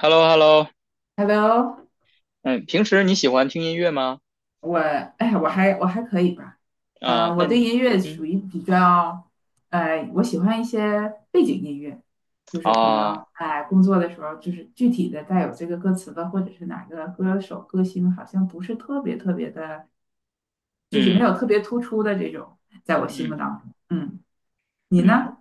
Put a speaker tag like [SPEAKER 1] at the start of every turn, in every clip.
[SPEAKER 1] h e l l o h e l l o.
[SPEAKER 2] Hello。
[SPEAKER 1] 嗯，平时你喜欢听音乐吗？
[SPEAKER 2] 我还可以吧。
[SPEAKER 1] 啊，
[SPEAKER 2] 我
[SPEAKER 1] 那
[SPEAKER 2] 对
[SPEAKER 1] 你，
[SPEAKER 2] 音乐
[SPEAKER 1] 嗯，
[SPEAKER 2] 属于比较，我喜欢一些背景音乐，就是可
[SPEAKER 1] 啊，
[SPEAKER 2] 能工作的时候，就是具体的带有这个歌词的，或者是哪个歌手歌星，好像不是特别特别的，就是没
[SPEAKER 1] 嗯
[SPEAKER 2] 有特别突出的这种，在我心目
[SPEAKER 1] 嗯
[SPEAKER 2] 当中。嗯，你
[SPEAKER 1] 嗯，
[SPEAKER 2] 呢？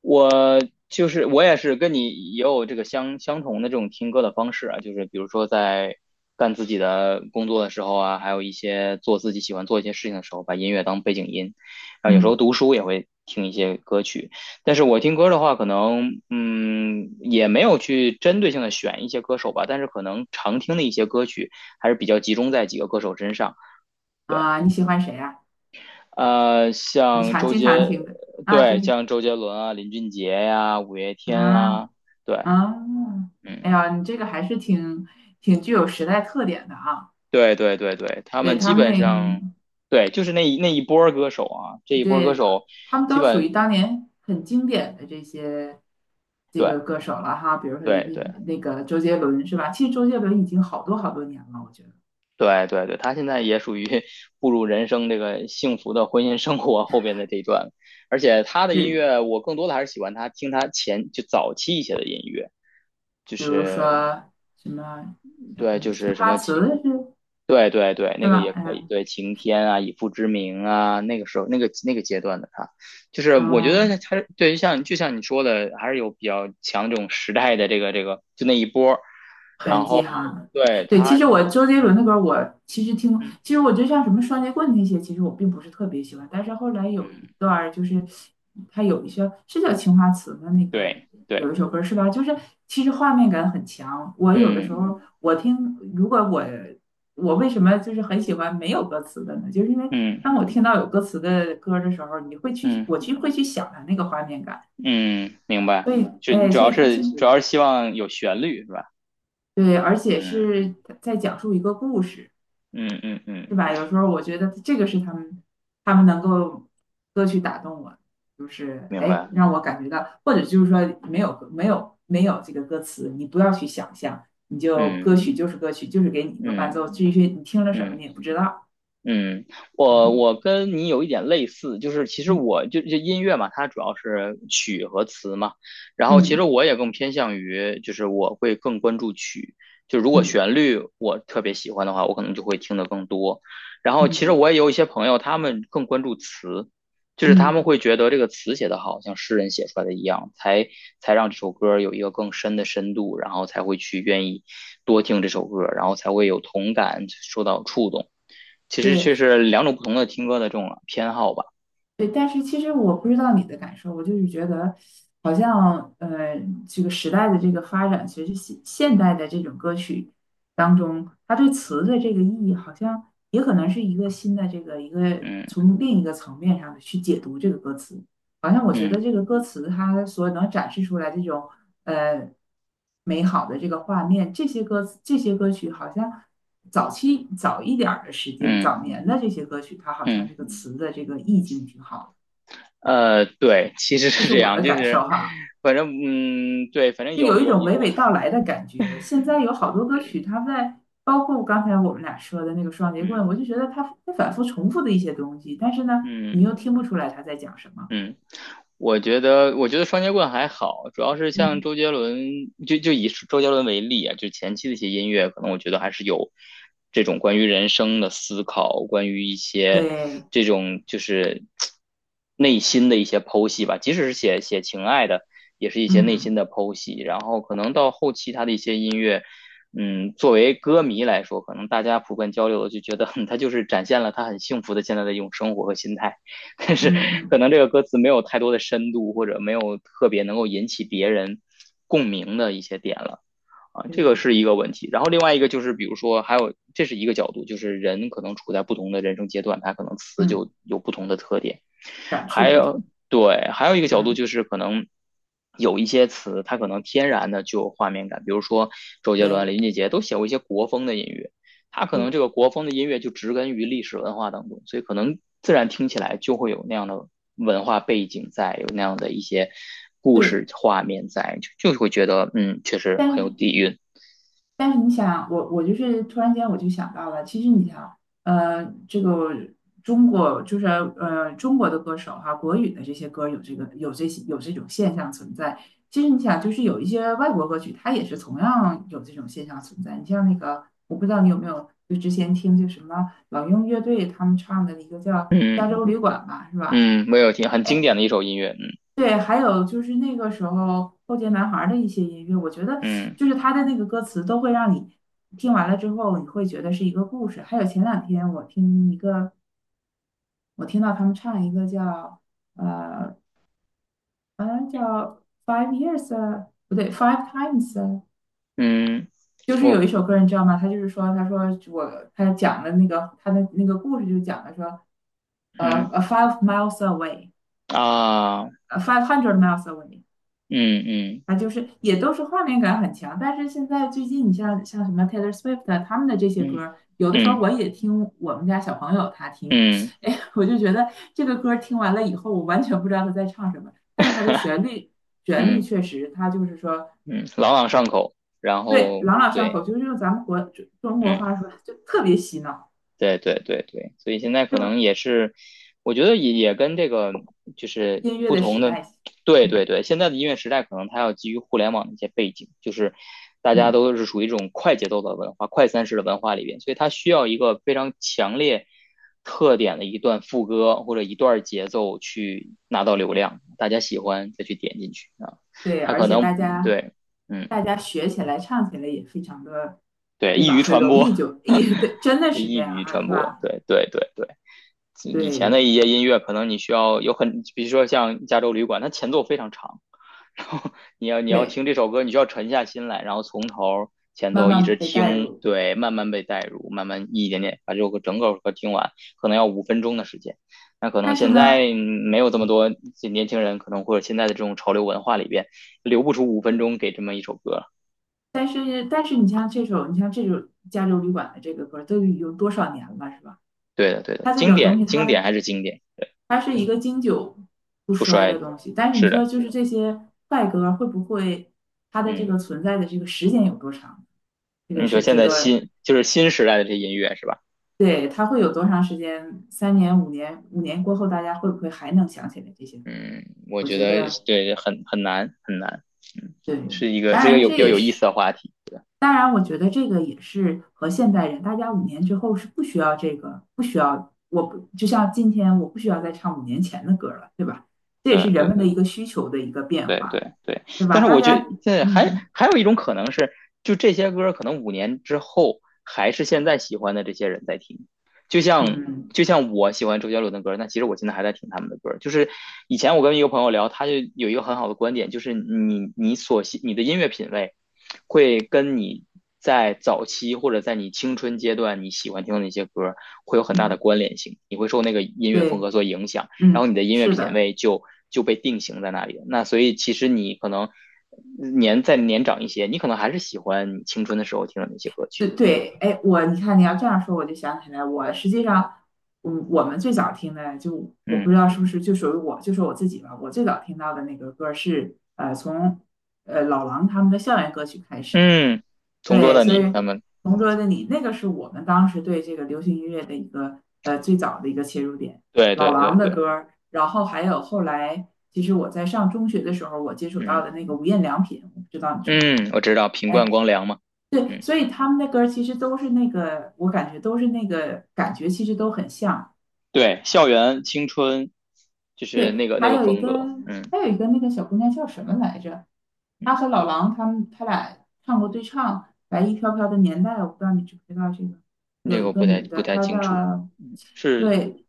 [SPEAKER 1] 我就是我也是跟你也有这个相同的这种听歌的方式啊，就是比如说在干自己的工作的时候啊，还有一些做自己喜欢做一些事情的时候，把音乐当背景音，然后有时
[SPEAKER 2] 嗯
[SPEAKER 1] 候读书也会听一些歌曲。但是我听歌的话，可能嗯也没有去针对性的选一些歌手吧，但是可能常听的一些歌曲还是比较集中在几个歌手身上，对。
[SPEAKER 2] 你喜欢谁呀？你
[SPEAKER 1] 像
[SPEAKER 2] 常
[SPEAKER 1] 周
[SPEAKER 2] 经常
[SPEAKER 1] 杰，
[SPEAKER 2] 听的啊？周
[SPEAKER 1] 对，
[SPEAKER 2] 杰，
[SPEAKER 1] 像周杰伦啊、林俊杰呀、五月天
[SPEAKER 2] 嗯
[SPEAKER 1] 啊，对，
[SPEAKER 2] 啊，
[SPEAKER 1] 嗯，
[SPEAKER 2] 哎呀，你这个还是挺具有时代特点的啊。
[SPEAKER 1] 对对对对，他
[SPEAKER 2] 对，
[SPEAKER 1] 们基
[SPEAKER 2] 他们
[SPEAKER 1] 本上，
[SPEAKER 2] 那，
[SPEAKER 1] 对，就是那一波儿歌手啊，这一波儿歌
[SPEAKER 2] 对，
[SPEAKER 1] 手
[SPEAKER 2] 他们
[SPEAKER 1] 基
[SPEAKER 2] 都属于
[SPEAKER 1] 本，
[SPEAKER 2] 当年很经典的这个
[SPEAKER 1] 对
[SPEAKER 2] 歌手了哈。比如说
[SPEAKER 1] 对对
[SPEAKER 2] 那个周杰伦是吧？其实周杰伦已经好多好多年了，我觉得
[SPEAKER 1] 对对对，他现在也属于 步入人生这个幸福的婚姻生活后边的这一段，而且他的音
[SPEAKER 2] 是。
[SPEAKER 1] 乐，我更多的还是喜欢他听他前就早期一些的音乐，就
[SPEAKER 2] 比如说
[SPEAKER 1] 是
[SPEAKER 2] 什么叫什
[SPEAKER 1] 对，
[SPEAKER 2] 么
[SPEAKER 1] 就
[SPEAKER 2] 《青
[SPEAKER 1] 是什
[SPEAKER 2] 花
[SPEAKER 1] 么
[SPEAKER 2] 瓷》
[SPEAKER 1] 听。
[SPEAKER 2] 是
[SPEAKER 1] 对对对，那
[SPEAKER 2] 是
[SPEAKER 1] 个
[SPEAKER 2] 吧？
[SPEAKER 1] 也
[SPEAKER 2] 哎
[SPEAKER 1] 可
[SPEAKER 2] 呀，
[SPEAKER 1] 以，对《晴天》啊，《以父之名》啊，那个时候那个那个阶段的他，就是我觉得
[SPEAKER 2] 嗯，
[SPEAKER 1] 他对，就像就像你说的，还是有比较强这种时代的这个，就那一波儿。然
[SPEAKER 2] 很记
[SPEAKER 1] 后
[SPEAKER 2] 哈呢。
[SPEAKER 1] 对
[SPEAKER 2] 对，其
[SPEAKER 1] 他，
[SPEAKER 2] 实我周杰伦的歌，我其实听，
[SPEAKER 1] 嗯
[SPEAKER 2] 其实我觉得像什么双截棍那些，其实我并不是特别喜欢。但是后来有一
[SPEAKER 1] 嗯，
[SPEAKER 2] 段儿，就是他有一些是叫《青花瓷》的那个，
[SPEAKER 1] 对
[SPEAKER 2] 有
[SPEAKER 1] 对，
[SPEAKER 2] 一首歌是吧？就是其实画面感很强。我有的时
[SPEAKER 1] 嗯
[SPEAKER 2] 候我听，如果我为什么就是很喜欢没有歌词的呢？就是因为
[SPEAKER 1] 嗯
[SPEAKER 2] 当我听到有歌词的歌的时候，你会去
[SPEAKER 1] 嗯
[SPEAKER 2] 我去会去想它那个画面感。
[SPEAKER 1] 嗯，明白。
[SPEAKER 2] 所以，
[SPEAKER 1] 就你
[SPEAKER 2] 哎，
[SPEAKER 1] 主
[SPEAKER 2] 所
[SPEAKER 1] 要
[SPEAKER 2] 以他
[SPEAKER 1] 是
[SPEAKER 2] 清
[SPEAKER 1] 主要是希望有旋律是吧？
[SPEAKER 2] 对，而且
[SPEAKER 1] 嗯
[SPEAKER 2] 是在讲述一个故事。
[SPEAKER 1] 嗯嗯
[SPEAKER 2] 是
[SPEAKER 1] 嗯，
[SPEAKER 2] 吧？有时候我觉得这个是他们能够歌曲打动我，就是
[SPEAKER 1] 明白。
[SPEAKER 2] 让我感觉到，或者就是说没有这个歌词，你不要去想象，你就
[SPEAKER 1] 嗯
[SPEAKER 2] 歌曲就是歌曲，就是给你一个伴
[SPEAKER 1] 嗯
[SPEAKER 2] 奏，至于你听了什么
[SPEAKER 1] 嗯。
[SPEAKER 2] 你也不知道。
[SPEAKER 1] 嗯，我
[SPEAKER 2] 嗯
[SPEAKER 1] 我跟你有一点类似，就是其实
[SPEAKER 2] 嗯
[SPEAKER 1] 我就音乐嘛，它主要是曲和词嘛，然后其实
[SPEAKER 2] 嗯
[SPEAKER 1] 我也更偏向于，就是我会更关注曲，就如果
[SPEAKER 2] 嗯
[SPEAKER 1] 旋律我特别喜欢的话，我可能就会听得更多。然后其实
[SPEAKER 2] 嗯
[SPEAKER 1] 我也有一些朋友，他们更关注词，就是他们
[SPEAKER 2] 嗯，
[SPEAKER 1] 会觉得这个词写得好，像诗人写出来的一样，才才让这首歌有一个更深的深度，然后才会去愿意多听这首歌，然后才会有同感，受到触动。其实却
[SPEAKER 2] 对。
[SPEAKER 1] 是两种不同的听歌的这种偏好吧。
[SPEAKER 2] 对，但是其实我不知道你的感受，我就是觉得，好像这个时代的这个发展，其实现代的这种歌曲当中，它对词的这个意义，好像也可能是一个新的这个一个
[SPEAKER 1] 嗯
[SPEAKER 2] 从另一个层面上的去解读这个歌词。好像我觉得
[SPEAKER 1] 嗯
[SPEAKER 2] 这个歌词它所能展示出来这种呃美好的这个画面，这些歌曲好像早一点儿的时间，
[SPEAKER 1] 嗯
[SPEAKER 2] 早年的这些歌曲，它好像这
[SPEAKER 1] 嗯，
[SPEAKER 2] 个词的这个意境挺好的，
[SPEAKER 1] 对，其实
[SPEAKER 2] 这
[SPEAKER 1] 是
[SPEAKER 2] 是
[SPEAKER 1] 这
[SPEAKER 2] 我
[SPEAKER 1] 样，
[SPEAKER 2] 的
[SPEAKER 1] 就
[SPEAKER 2] 感受
[SPEAKER 1] 是
[SPEAKER 2] 哈，
[SPEAKER 1] 反正嗯，对，反正
[SPEAKER 2] 就
[SPEAKER 1] 有
[SPEAKER 2] 有一
[SPEAKER 1] 有
[SPEAKER 2] 种
[SPEAKER 1] 有
[SPEAKER 2] 娓
[SPEAKER 1] 我，
[SPEAKER 2] 娓道来的感觉。现在有好多歌曲，它在包括刚才我们俩说的那个双截棍，
[SPEAKER 1] 嗯
[SPEAKER 2] 我就觉得它反复重复的一些东西，但是呢，你又
[SPEAKER 1] 嗯
[SPEAKER 2] 听不出来他在讲什么。
[SPEAKER 1] 嗯，我觉得，我觉得双截棍还好，主要是像
[SPEAKER 2] 嗯，
[SPEAKER 1] 周杰伦，就以周杰伦为例啊，就前期的一些音乐，可能我觉得还是有这种关于人生的思考，关于一些
[SPEAKER 2] 对，
[SPEAKER 1] 这种就是内心的一些剖析吧。即使是写写情爱的，也是一些内心
[SPEAKER 2] 嗯
[SPEAKER 1] 的剖析。然后可能到后期他的一些音乐，嗯，作为歌迷来说，可能大家普遍交流的就觉得 哼他就是展现了他很幸福的现在的一种生活和心态。但是
[SPEAKER 2] 嗯
[SPEAKER 1] 可
[SPEAKER 2] 嗯
[SPEAKER 1] 能这个歌词没有太多的深度，或者没有特别能够引起别人共鸣的一些点了啊，这个
[SPEAKER 2] 嗯
[SPEAKER 1] 是一个问题。然后另外一个就是，比如说还有这是一个角度，就是人可能处在不同的人生阶段，他可能词
[SPEAKER 2] 嗯，嗯，
[SPEAKER 1] 就有不同的特点。
[SPEAKER 2] 感
[SPEAKER 1] 还
[SPEAKER 2] 触不
[SPEAKER 1] 有，
[SPEAKER 2] 同，
[SPEAKER 1] 对，还有一个角度就
[SPEAKER 2] 嗯，
[SPEAKER 1] 是可能有一些词，它可能天然的就有画面感，比如说周杰伦、
[SPEAKER 2] 对
[SPEAKER 1] 林俊杰都写过一些国风的音乐，他可能这
[SPEAKER 2] 对
[SPEAKER 1] 个国风的音乐就植根于历史文化当中，所以可能自然听起来就会有那样的文化背景在，有那样的一些故
[SPEAKER 2] 对。
[SPEAKER 1] 事画面在，就会觉得嗯，确实
[SPEAKER 2] 但
[SPEAKER 1] 很有
[SPEAKER 2] 是
[SPEAKER 1] 底蕴。
[SPEAKER 2] 但是你想，我就是突然间我就想到了，其实你想，这个中国的歌手哈、国语的这些歌有这个有这些有这种现象存在。其实你想，就是有一些外国歌曲，它也是同样有这种现象存在。你像那个，我不知道你有没有，就之前听就什么老鹰乐队他们唱的一个叫《加
[SPEAKER 1] 嗯
[SPEAKER 2] 州旅馆》吧，是吧？
[SPEAKER 1] 嗯，没有听，很经
[SPEAKER 2] 哎，
[SPEAKER 1] 典的一首音乐。嗯
[SPEAKER 2] 对，还有就是那个时候后街男孩儿的一些音乐，我觉得
[SPEAKER 1] 嗯
[SPEAKER 2] 就是他的那个歌词都会让你听完了之后，你会觉得是一个故事。还有前两天我听一个，我听到他们唱一个叫呃，好像叫《Five Years》啊，不对，《Five Times》啊，
[SPEAKER 1] 嗯，
[SPEAKER 2] 就是有
[SPEAKER 1] 我
[SPEAKER 2] 一首歌你知道吗？他就是说，他说我他讲的那个他的那个故事就讲的说，
[SPEAKER 1] 嗯
[SPEAKER 2] a five miles away，a
[SPEAKER 1] 啊
[SPEAKER 2] five hundred miles away。
[SPEAKER 1] 嗯嗯。
[SPEAKER 2] 啊，就是也都是画面感很强，但是现在最近你像什么 Taylor Swift 啊他们的这些
[SPEAKER 1] 嗯
[SPEAKER 2] 歌儿，有的时候
[SPEAKER 1] 嗯
[SPEAKER 2] 我也听我们家小朋友他听，
[SPEAKER 1] 嗯
[SPEAKER 2] 哎，我就觉得这个歌儿听完了以后，我完全不知道他在唱什么，但是他的 旋律
[SPEAKER 1] 嗯
[SPEAKER 2] 确实，他就是说，
[SPEAKER 1] 嗯，朗朗上口，然
[SPEAKER 2] 对，
[SPEAKER 1] 后
[SPEAKER 2] 朗朗上
[SPEAKER 1] 对，
[SPEAKER 2] 口，就是用咱们中国
[SPEAKER 1] 嗯。
[SPEAKER 2] 话说就特别洗脑，
[SPEAKER 1] 对对对对，所以现在可
[SPEAKER 2] 是吧？
[SPEAKER 1] 能也是，我觉得也跟这个就是
[SPEAKER 2] 音乐
[SPEAKER 1] 不
[SPEAKER 2] 的
[SPEAKER 1] 同
[SPEAKER 2] 时
[SPEAKER 1] 的，
[SPEAKER 2] 代，
[SPEAKER 1] 对对
[SPEAKER 2] 嗯
[SPEAKER 1] 对，现在的音乐时代可能它要基于互联网的一些背景，就是大家
[SPEAKER 2] 嗯，
[SPEAKER 1] 都是属于这种快节奏的文化、快餐式的文化里边，所以它需要一个非常强烈特点的一段副歌或者一段节奏去拿到流量，大家喜欢再去点进去啊，
[SPEAKER 2] 对，
[SPEAKER 1] 它
[SPEAKER 2] 而
[SPEAKER 1] 可
[SPEAKER 2] 且
[SPEAKER 1] 能
[SPEAKER 2] 大
[SPEAKER 1] 嗯
[SPEAKER 2] 家
[SPEAKER 1] 对，嗯，
[SPEAKER 2] 大家学起来、唱起来也非常的，
[SPEAKER 1] 对，
[SPEAKER 2] 对
[SPEAKER 1] 易
[SPEAKER 2] 吧？
[SPEAKER 1] 于
[SPEAKER 2] 很
[SPEAKER 1] 传
[SPEAKER 2] 容
[SPEAKER 1] 播，
[SPEAKER 2] 易就也对，真的是
[SPEAKER 1] 易
[SPEAKER 2] 这样
[SPEAKER 1] 于
[SPEAKER 2] 啊，
[SPEAKER 1] 传
[SPEAKER 2] 是
[SPEAKER 1] 播，
[SPEAKER 2] 吧？
[SPEAKER 1] 对对对对。以前
[SPEAKER 2] 对
[SPEAKER 1] 的一些音乐，可能你需要有很，比如说像《加州旅馆》，它前奏非常长，然后你要
[SPEAKER 2] 对，
[SPEAKER 1] 听这首歌，你需要沉下心来，然后从头前
[SPEAKER 2] 慢
[SPEAKER 1] 奏一
[SPEAKER 2] 慢
[SPEAKER 1] 直
[SPEAKER 2] 被带
[SPEAKER 1] 听，
[SPEAKER 2] 入。
[SPEAKER 1] 对，慢慢被带入，慢慢一点点把这首歌整个歌听完，可能要5分钟的时间。那可能
[SPEAKER 2] 但是
[SPEAKER 1] 现
[SPEAKER 2] 呢，
[SPEAKER 1] 在没有这么多年轻人，可能或者现在的这种潮流文化里边，留不出五分钟给这么一首歌。
[SPEAKER 2] 但是你像这首《加州旅馆》的这个歌，都已经多少年了，是吧？
[SPEAKER 1] 对的，对的，
[SPEAKER 2] 它这
[SPEAKER 1] 经
[SPEAKER 2] 种东
[SPEAKER 1] 典，
[SPEAKER 2] 西，
[SPEAKER 1] 经典还是经典，
[SPEAKER 2] 它是一个经久不
[SPEAKER 1] 不
[SPEAKER 2] 衰
[SPEAKER 1] 衰
[SPEAKER 2] 的
[SPEAKER 1] 的
[SPEAKER 2] 东西。但是你
[SPEAKER 1] 是
[SPEAKER 2] 说，
[SPEAKER 1] 的，
[SPEAKER 2] 就是这些快歌会不会它的这
[SPEAKER 1] 嗯，
[SPEAKER 2] 个存在的这个时间有多长？这个
[SPEAKER 1] 你说
[SPEAKER 2] 是
[SPEAKER 1] 现
[SPEAKER 2] 值
[SPEAKER 1] 在
[SPEAKER 2] 得。
[SPEAKER 1] 新就是新时代的这音乐是吧？
[SPEAKER 2] 对，它会有多长时间？3年、五年，五年过后，大家会不会还能想起来这些歌？
[SPEAKER 1] 嗯，我
[SPEAKER 2] 我
[SPEAKER 1] 觉
[SPEAKER 2] 觉
[SPEAKER 1] 得
[SPEAKER 2] 得，
[SPEAKER 1] 对，很难很难，嗯，
[SPEAKER 2] 对，
[SPEAKER 1] 是一个
[SPEAKER 2] 当
[SPEAKER 1] 是一个
[SPEAKER 2] 然
[SPEAKER 1] 有比
[SPEAKER 2] 这
[SPEAKER 1] 较
[SPEAKER 2] 也
[SPEAKER 1] 有意思
[SPEAKER 2] 是，
[SPEAKER 1] 的话题。
[SPEAKER 2] 当然我觉得这个也是和现代人，大家五年之后是不需要这个，不需要，我不，就像今天我不需要再唱5年前的歌了，对吧？这也
[SPEAKER 1] 对
[SPEAKER 2] 是人
[SPEAKER 1] 对
[SPEAKER 2] 们的
[SPEAKER 1] 对。
[SPEAKER 2] 一个需求的一个变
[SPEAKER 1] 对
[SPEAKER 2] 化，
[SPEAKER 1] 对对，
[SPEAKER 2] 对
[SPEAKER 1] 但
[SPEAKER 2] 吧？
[SPEAKER 1] 是
[SPEAKER 2] 大
[SPEAKER 1] 我觉得
[SPEAKER 2] 家，
[SPEAKER 1] 现在还
[SPEAKER 2] 嗯
[SPEAKER 1] 还有一种可能是，就这些歌可能5年之后还是现在喜欢的这些人在听，就像
[SPEAKER 2] 嗯
[SPEAKER 1] 就像我喜欢周杰伦的歌，那其实我现在还在听他们的歌。就是以前我跟一个朋友聊，他就有一个很好的观点，就是你你所喜你的音乐品味会跟你在早期或者在你青春阶段你喜欢听的那些歌会有很大的
[SPEAKER 2] 嗯，
[SPEAKER 1] 关联性，你会受那个音乐风
[SPEAKER 2] 对，
[SPEAKER 1] 格所影响。然后
[SPEAKER 2] 嗯，
[SPEAKER 1] 你的音乐
[SPEAKER 2] 是
[SPEAKER 1] 品
[SPEAKER 2] 的。
[SPEAKER 1] 味就被定型在那里。那所以其实你可能年再年长一些，你可能还是喜欢你青春的时候听的那些歌曲。
[SPEAKER 2] 对对，哎，我你看你要这样说，我就想起来，我实际上，我们最早听的，就我不
[SPEAKER 1] 嗯
[SPEAKER 2] 知道是不是就属于我，就说我自己吧，我最早听到的那个歌是从老狼他们的校园歌曲开始，
[SPEAKER 1] 嗯，同桌
[SPEAKER 2] 对，
[SPEAKER 1] 的
[SPEAKER 2] 所以
[SPEAKER 1] 你，他们，嗯，
[SPEAKER 2] 《同桌的你》那个是我们当时对这个流行音乐的一个最早的一个切入点，
[SPEAKER 1] 对
[SPEAKER 2] 老
[SPEAKER 1] 对对
[SPEAKER 2] 狼的
[SPEAKER 1] 对，
[SPEAKER 2] 歌儿，然后还有后来，其实我在上中学的时候，我接触到
[SPEAKER 1] 嗯
[SPEAKER 2] 的那个无印良品，我不知道你知不知道。
[SPEAKER 1] 嗯，我知道品冠
[SPEAKER 2] 哎，
[SPEAKER 1] 光良嘛，
[SPEAKER 2] 对，
[SPEAKER 1] 嗯，
[SPEAKER 2] 所以他们的歌儿其实都是那个，我感觉都是那个感觉，其实都很像。
[SPEAKER 1] 对，校园青春就是
[SPEAKER 2] 对，
[SPEAKER 1] 那个那个风格，嗯
[SPEAKER 2] 还有一个那个小姑娘叫什么来着？
[SPEAKER 1] 嗯，
[SPEAKER 2] 她和老狼，他们他俩唱过对唱《白衣飘飘的年代》，我不知道你知不知道这个。有
[SPEAKER 1] 这个
[SPEAKER 2] 一
[SPEAKER 1] 我
[SPEAKER 2] 个
[SPEAKER 1] 不太
[SPEAKER 2] 女
[SPEAKER 1] 不
[SPEAKER 2] 的，
[SPEAKER 1] 太
[SPEAKER 2] 她
[SPEAKER 1] 清楚，
[SPEAKER 2] 叫，
[SPEAKER 1] 是，
[SPEAKER 2] 对，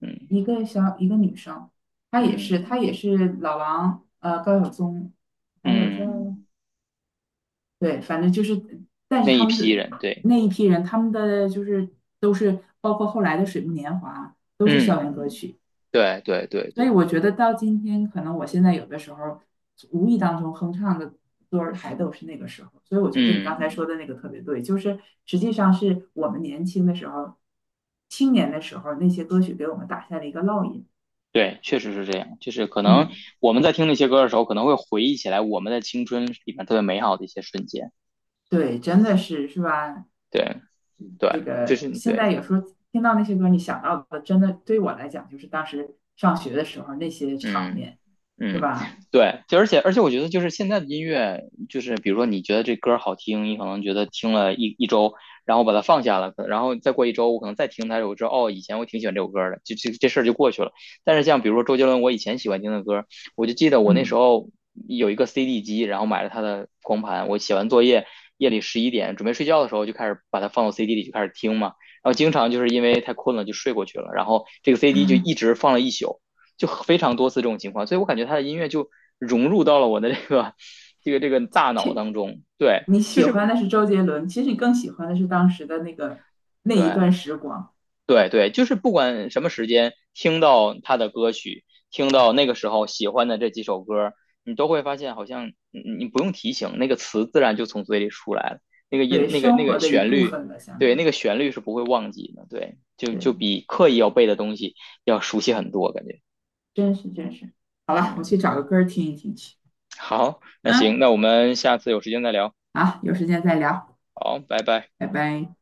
[SPEAKER 1] 嗯
[SPEAKER 2] 一个小，一个女生，她也是
[SPEAKER 1] 嗯
[SPEAKER 2] 她也是老狼，高晓松，还有叫，
[SPEAKER 1] 嗯，
[SPEAKER 2] 对，反正就是，但
[SPEAKER 1] 那
[SPEAKER 2] 是他
[SPEAKER 1] 一
[SPEAKER 2] 们
[SPEAKER 1] 批
[SPEAKER 2] 是
[SPEAKER 1] 人，对，
[SPEAKER 2] 那一批人，他们的就是都是包括后来的《水木年华》都是
[SPEAKER 1] 嗯
[SPEAKER 2] 校园歌曲，
[SPEAKER 1] 对对对
[SPEAKER 2] 所以
[SPEAKER 1] 对，
[SPEAKER 2] 我觉得到今天，可能我现在有的时候无意当中哼唱的歌儿还都是那个时候，所以我觉得你刚
[SPEAKER 1] 嗯。
[SPEAKER 2] 才说的那个特别对，就是实际上是我们年轻的时候、青年的时候那些歌曲给我们打下了一个烙印。
[SPEAKER 1] 对，确实是这样。就是可能
[SPEAKER 2] 嗯，
[SPEAKER 1] 我们在听那些歌的时候，可能会回忆起来我们的青春里面特别美好的一些瞬间。
[SPEAKER 2] 对，真的是，是吧？
[SPEAKER 1] 对，对，
[SPEAKER 2] 这
[SPEAKER 1] 就
[SPEAKER 2] 个
[SPEAKER 1] 是
[SPEAKER 2] 现
[SPEAKER 1] 对，
[SPEAKER 2] 在有时候听到那些歌，你想到的真的对我来讲就是当时上学的时候那些场
[SPEAKER 1] 嗯。
[SPEAKER 2] 面，是
[SPEAKER 1] 嗯，
[SPEAKER 2] 吧？
[SPEAKER 1] 对，就而且我觉得就是现在的音乐，就是比如说你觉得这歌儿好听，你可能觉得听了一周，然后把它放下了，然后再过一周，我可能再听它，我知道哦，以前我挺喜欢这首歌儿的，就这事儿就过去了。但是像比如说周杰伦，我以前喜欢听的歌儿，我就记得我那时
[SPEAKER 2] 嗯，
[SPEAKER 1] 候有一个 CD 机，然后买了他的光盘，我写完作业，夜里11点准备睡觉的时候，就开始把它放到 CD 里就开始听嘛，然后经常就是因为太困了就睡过去了，然后这个 CD 就一直放了一宿。就非常多次这种情况，所以我感觉他的音乐就融入到了我的这个这个大脑当中。对，
[SPEAKER 2] 你
[SPEAKER 1] 就
[SPEAKER 2] 喜欢
[SPEAKER 1] 是
[SPEAKER 2] 的是周杰伦，其实你更喜欢的是当时的那个那一
[SPEAKER 1] 对
[SPEAKER 2] 段时光，
[SPEAKER 1] 对对，就是不管什么时间听到他的歌曲，听到那个时候喜欢的这几首歌，你都会发现好像你不用提醒，那个词自然就从嘴里出来了，那个音
[SPEAKER 2] 对
[SPEAKER 1] 那个那
[SPEAKER 2] 生活
[SPEAKER 1] 个
[SPEAKER 2] 的一
[SPEAKER 1] 旋
[SPEAKER 2] 部
[SPEAKER 1] 律，
[SPEAKER 2] 分了，相
[SPEAKER 1] 对，
[SPEAKER 2] 当
[SPEAKER 1] 那
[SPEAKER 2] 于。
[SPEAKER 1] 个旋律是不会忘记的。对，就
[SPEAKER 2] 对，
[SPEAKER 1] 就比刻意要背的东西要熟悉很多，感觉。
[SPEAKER 2] 真是真是。好了，我
[SPEAKER 1] 嗯，
[SPEAKER 2] 去找个歌听一听去。
[SPEAKER 1] 好，那行，
[SPEAKER 2] 嗯，
[SPEAKER 1] 那我们下次有时间再聊。
[SPEAKER 2] 好，有时间再聊，
[SPEAKER 1] 好，拜拜。
[SPEAKER 2] 拜拜。